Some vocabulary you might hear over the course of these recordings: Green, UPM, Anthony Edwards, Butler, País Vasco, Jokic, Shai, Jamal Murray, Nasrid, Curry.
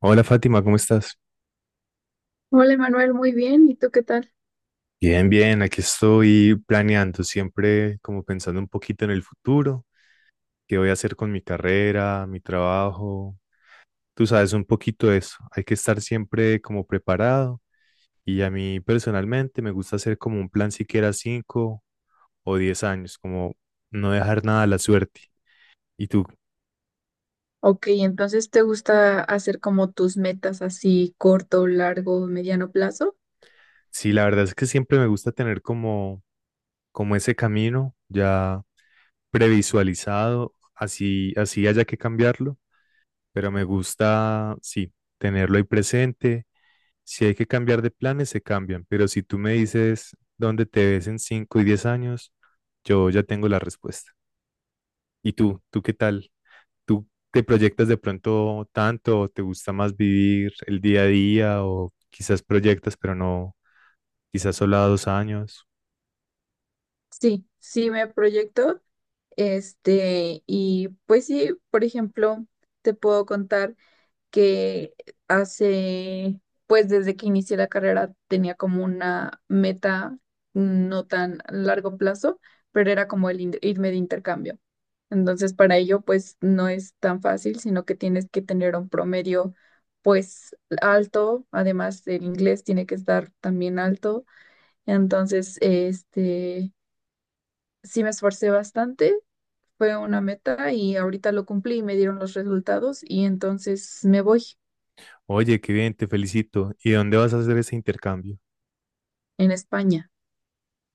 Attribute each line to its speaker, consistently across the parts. Speaker 1: Hola Fátima, ¿cómo estás?
Speaker 2: Hola, Manuel, muy bien. ¿Y tú qué tal?
Speaker 1: Bien, bien, aquí estoy planeando, siempre como pensando un poquito en el futuro, qué voy a hacer con mi carrera, mi trabajo. Tú sabes un poquito de eso, hay que estar siempre como preparado y a mí personalmente me gusta hacer como un plan siquiera 5 o 10 años, como no dejar nada a la suerte. Y tú,
Speaker 2: Ok, entonces ¿te gusta hacer como tus metas así corto, largo, mediano plazo?
Speaker 1: sí, la verdad es que siempre me gusta tener como ese camino ya previsualizado, así, así haya que cambiarlo pero me gusta, sí, tenerlo ahí presente. Si hay que cambiar de planes, se cambian, pero si tú me dices dónde te ves en 5 y 10 años, yo ya tengo la respuesta. ¿Y tú? ¿Tú qué tal? ¿Tú te proyectas de pronto tanto o te gusta más vivir el día a día o quizás proyectas, pero no, quizás solo a 2 años?
Speaker 2: Sí, sí me proyecto. Y pues sí, por ejemplo, te puedo contar que hace, pues desde que inicié la carrera tenía como una meta no tan largo plazo, pero era como irme de intercambio. Entonces, para ello, pues no es tan fácil, sino que tienes que tener un promedio, pues alto, además el inglés tiene que estar también alto. Entonces, sí me esforcé bastante, fue una meta y ahorita lo cumplí y me dieron los resultados y entonces me voy
Speaker 1: Oye, qué bien, te felicito. ¿Y dónde vas a hacer ese intercambio?
Speaker 2: en España.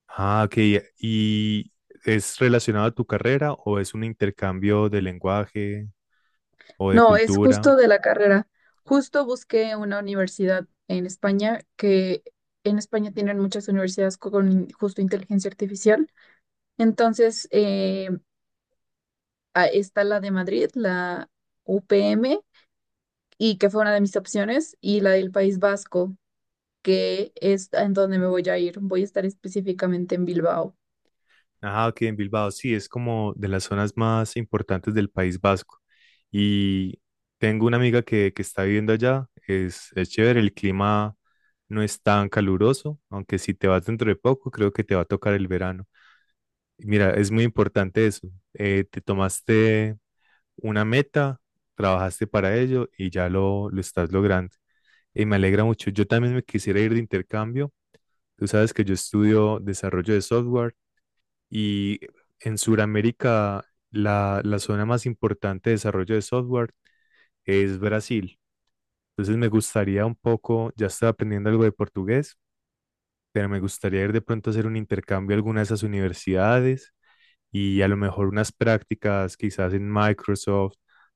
Speaker 1: Ah, ok. ¿Y es relacionado a tu carrera o es un intercambio de lenguaje o de
Speaker 2: No, es
Speaker 1: cultura?
Speaker 2: justo de la carrera. Justo busqué una universidad en España, que en España tienen muchas universidades justo inteligencia artificial. Entonces, está la de Madrid, la UPM, y que fue una de mis opciones, y la del País Vasco, que es en donde me voy a ir. Voy a estar específicamente en Bilbao.
Speaker 1: Ah, ok, en Bilbao, sí, es como de las zonas más importantes del País Vasco. Y tengo una amiga que está viviendo allá, es chévere, el clima no es tan caluroso, aunque si te vas dentro de poco, creo que te va a tocar el verano. Mira, es muy importante eso. Te tomaste una meta, trabajaste para ello y ya lo estás logrando. Y me alegra mucho. Yo también me quisiera ir de intercambio. Tú sabes que yo estudio desarrollo de software y en Sudamérica, la zona más importante de desarrollo de software es Brasil. Entonces me gustaría un poco, ya estoy aprendiendo algo de portugués, pero me gustaría ir de pronto a hacer un intercambio a alguna de esas universidades y a lo mejor unas prácticas quizás en Microsoft,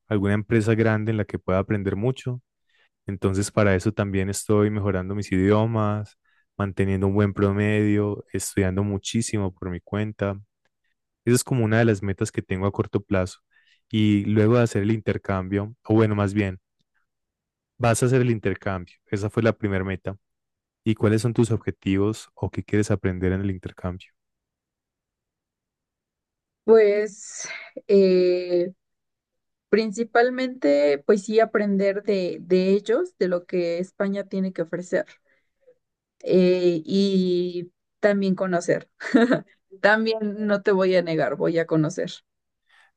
Speaker 1: alguna empresa grande en la que pueda aprender mucho. Entonces para eso también estoy mejorando mis idiomas, manteniendo un buen promedio, estudiando muchísimo por mi cuenta. Esa es como una de las metas que tengo a corto plazo. Y luego de hacer el intercambio, o bueno, más bien, vas a hacer el intercambio. Esa fue la primera meta. ¿Y cuáles son tus objetivos o qué quieres aprender en el intercambio?
Speaker 2: Pues eh, principalmente, pues sí, aprender de ellos, de lo que España tiene que ofrecer. Y también conocer. También no te voy a negar, voy a conocer.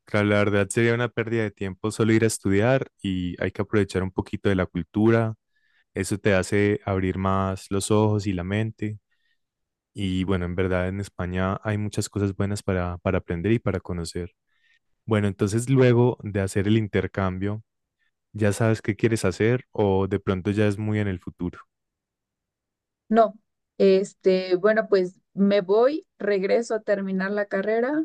Speaker 1: Claro, la verdad sería una pérdida de tiempo solo ir a estudiar y hay que aprovechar un poquito de la cultura. Eso te hace abrir más los ojos y la mente. Y bueno, en verdad en España hay muchas cosas buenas para aprender y para conocer. Bueno, entonces luego de hacer el intercambio, ¿ya sabes qué quieres hacer o de pronto ya es muy en el futuro?
Speaker 2: No, bueno, pues me voy, regreso a terminar la carrera,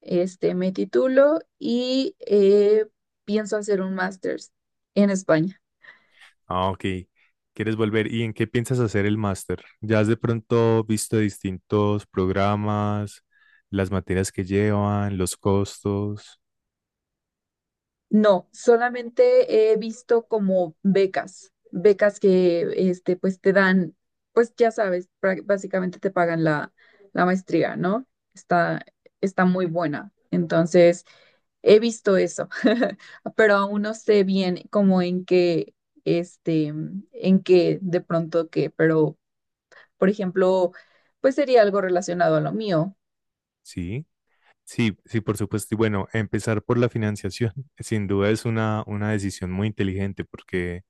Speaker 2: me titulo y pienso hacer un máster en España.
Speaker 1: Ah, ok. ¿Quieres volver? ¿Y en qué piensas hacer el máster? ¿Ya has de pronto visto distintos programas, las materias que llevan, los costos?
Speaker 2: No, solamente he visto como becas, becas que pues te dan, pues ya sabes, básicamente te pagan la maestría, ¿no? Está, está muy buena. Entonces, he visto eso, pero aún no sé bien como en qué, este, en qué de pronto qué, pero, por ejemplo, pues sería algo relacionado a lo mío.
Speaker 1: Sí, sí, sí, por supuesto. Y bueno, empezar por la financiación sin duda es una decisión muy inteligente porque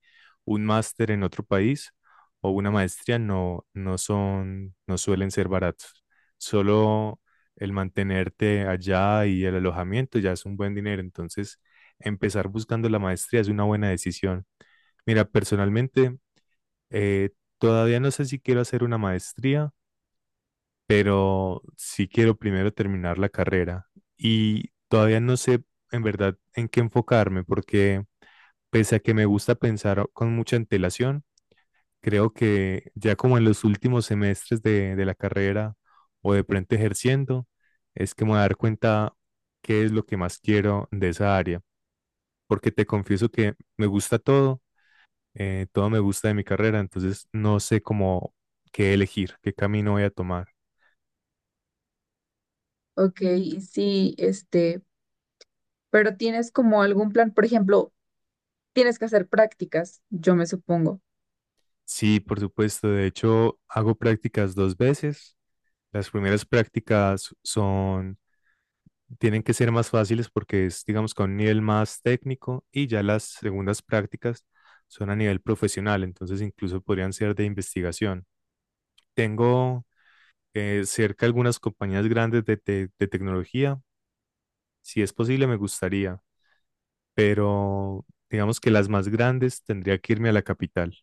Speaker 1: un máster en otro país o una maestría no, no son, no suelen ser baratos. Solo el mantenerte allá y el alojamiento ya es un buen dinero. Entonces, empezar buscando la maestría es una buena decisión. Mira, personalmente, eh, todavía no sé si quiero hacer una maestría, pero sí quiero primero terminar la carrera. Y todavía no sé en verdad en qué enfocarme, porque pese a que me gusta pensar con mucha antelación, creo que ya como en los últimos semestres de la carrera o de pronto ejerciendo, es que me voy a dar cuenta qué es lo que más quiero de esa área, porque te confieso que me gusta todo, todo me gusta de mi carrera, entonces no sé cómo qué elegir, qué camino voy a tomar.
Speaker 2: Ok, sí, pero tienes como algún plan, por ejemplo, tienes que hacer prácticas, yo me supongo.
Speaker 1: Sí, por supuesto, de hecho hago prácticas dos veces. Las primeras prácticas son tienen que ser más fáciles porque es, digamos, con un nivel más técnico y ya las segundas prácticas son a nivel profesional, entonces incluso podrían ser de investigación. Tengo cerca algunas compañías grandes de tecnología, si es posible me gustaría, pero digamos que las más grandes tendría que irme a la capital.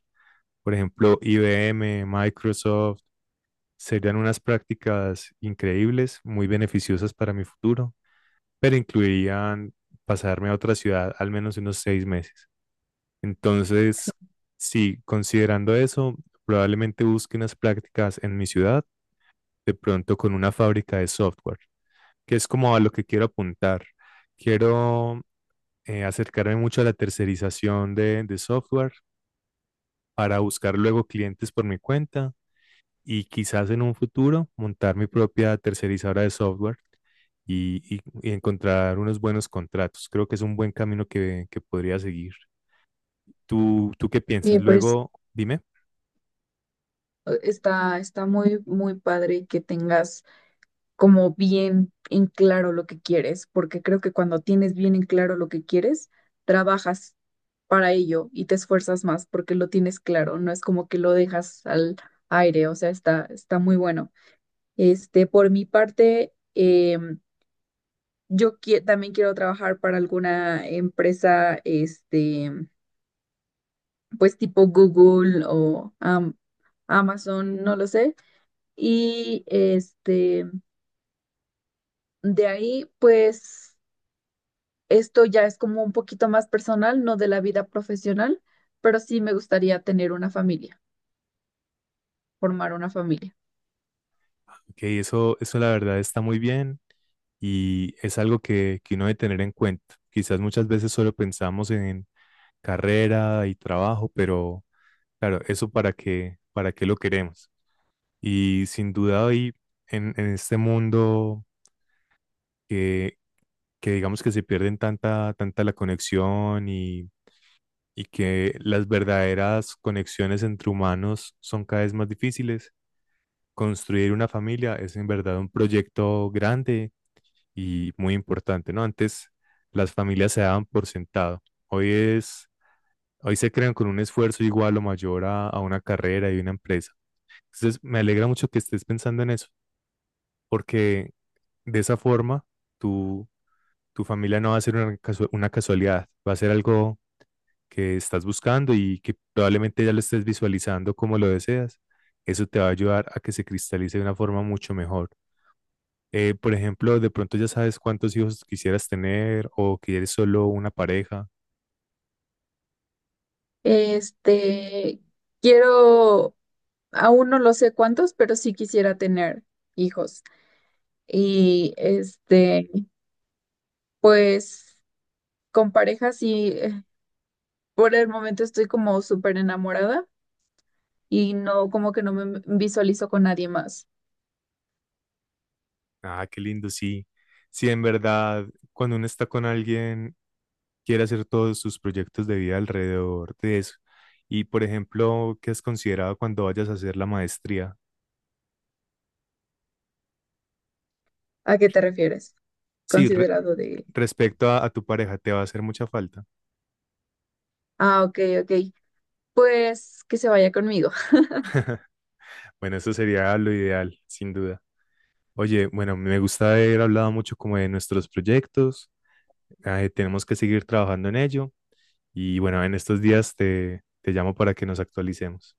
Speaker 1: Por ejemplo, IBM, Microsoft, serían unas prácticas increíbles, muy beneficiosas para mi futuro pero incluirían pasarme a otra ciudad al menos unos 6 meses. Entonces,
Speaker 2: Sí.
Speaker 1: sí, considerando eso, probablemente busque unas prácticas en mi ciudad, de pronto con una fábrica de software, que es como a lo que quiero apuntar. Quiero acercarme mucho a la tercerización de software para buscar luego clientes por mi cuenta y quizás en un futuro montar mi propia tercerizadora de software y encontrar unos buenos contratos. Creo que es un buen camino que podría seguir. Tú qué piensas?
Speaker 2: Oye,
Speaker 1: Luego, dime.
Speaker 2: está, está muy, muy padre que tengas como bien en claro lo que quieres, porque creo que cuando tienes bien en claro lo que quieres, trabajas para ello y te esfuerzas más porque lo tienes claro, no es como que lo dejas al aire, o sea, está muy bueno. Por mi parte, también quiero trabajar para alguna empresa, pues tipo Google o Amazon, no lo sé. Y de ahí, pues esto ya es como un poquito más personal, no de la vida profesional, pero sí me gustaría tener una familia, formar una familia.
Speaker 1: Ok, eso la verdad está muy bien y es algo que uno debe tener en cuenta. Quizás muchas veces solo pensamos en carrera y trabajo, pero claro, eso para qué lo queremos. Y sin duda hoy en este mundo que, que digamos que se pierden tanta la conexión y que las verdaderas conexiones entre humanos son cada vez más difíciles. Construir una familia es en verdad un proyecto grande y muy importante, ¿no? Antes las familias se daban por sentado. Hoy es, Hoy se crean con un esfuerzo igual o mayor a una carrera y una empresa. Entonces, me alegra mucho que estés pensando en eso, porque de esa forma tu, tu familia no va a ser una casualidad, va a ser algo que estás buscando y que probablemente ya lo estés visualizando como lo deseas, eso te va a ayudar a que se cristalice de una forma mucho mejor. Por ejemplo, de pronto ya sabes cuántos hijos quisieras tener o que eres solo una pareja.
Speaker 2: Este, quiero, aún no lo sé cuántos, pero sí quisiera tener hijos. Y pues con pareja sí, por el momento estoy como súper enamorada y no, como que no me visualizo con nadie más.
Speaker 1: Ah, qué lindo, sí. Sí, en verdad, cuando uno está con alguien, quiere hacer todos sus proyectos de vida alrededor de eso. Y, por ejemplo, ¿qué has considerado cuando vayas a hacer la maestría?
Speaker 2: ¿A qué te refieres?
Speaker 1: Sí,
Speaker 2: Considerado de...
Speaker 1: respecto a tu pareja, te va a hacer mucha falta.
Speaker 2: Ah, ok, ok. Pues que se vaya conmigo.
Speaker 1: Bueno, eso sería lo ideal, sin duda. Oye, bueno, me gusta haber hablado mucho como de nuestros proyectos. Tenemos que seguir trabajando en ello. Y bueno, en estos días te llamo para que nos actualicemos.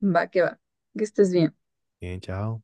Speaker 2: Va. Que estés bien.
Speaker 1: Bien, chao.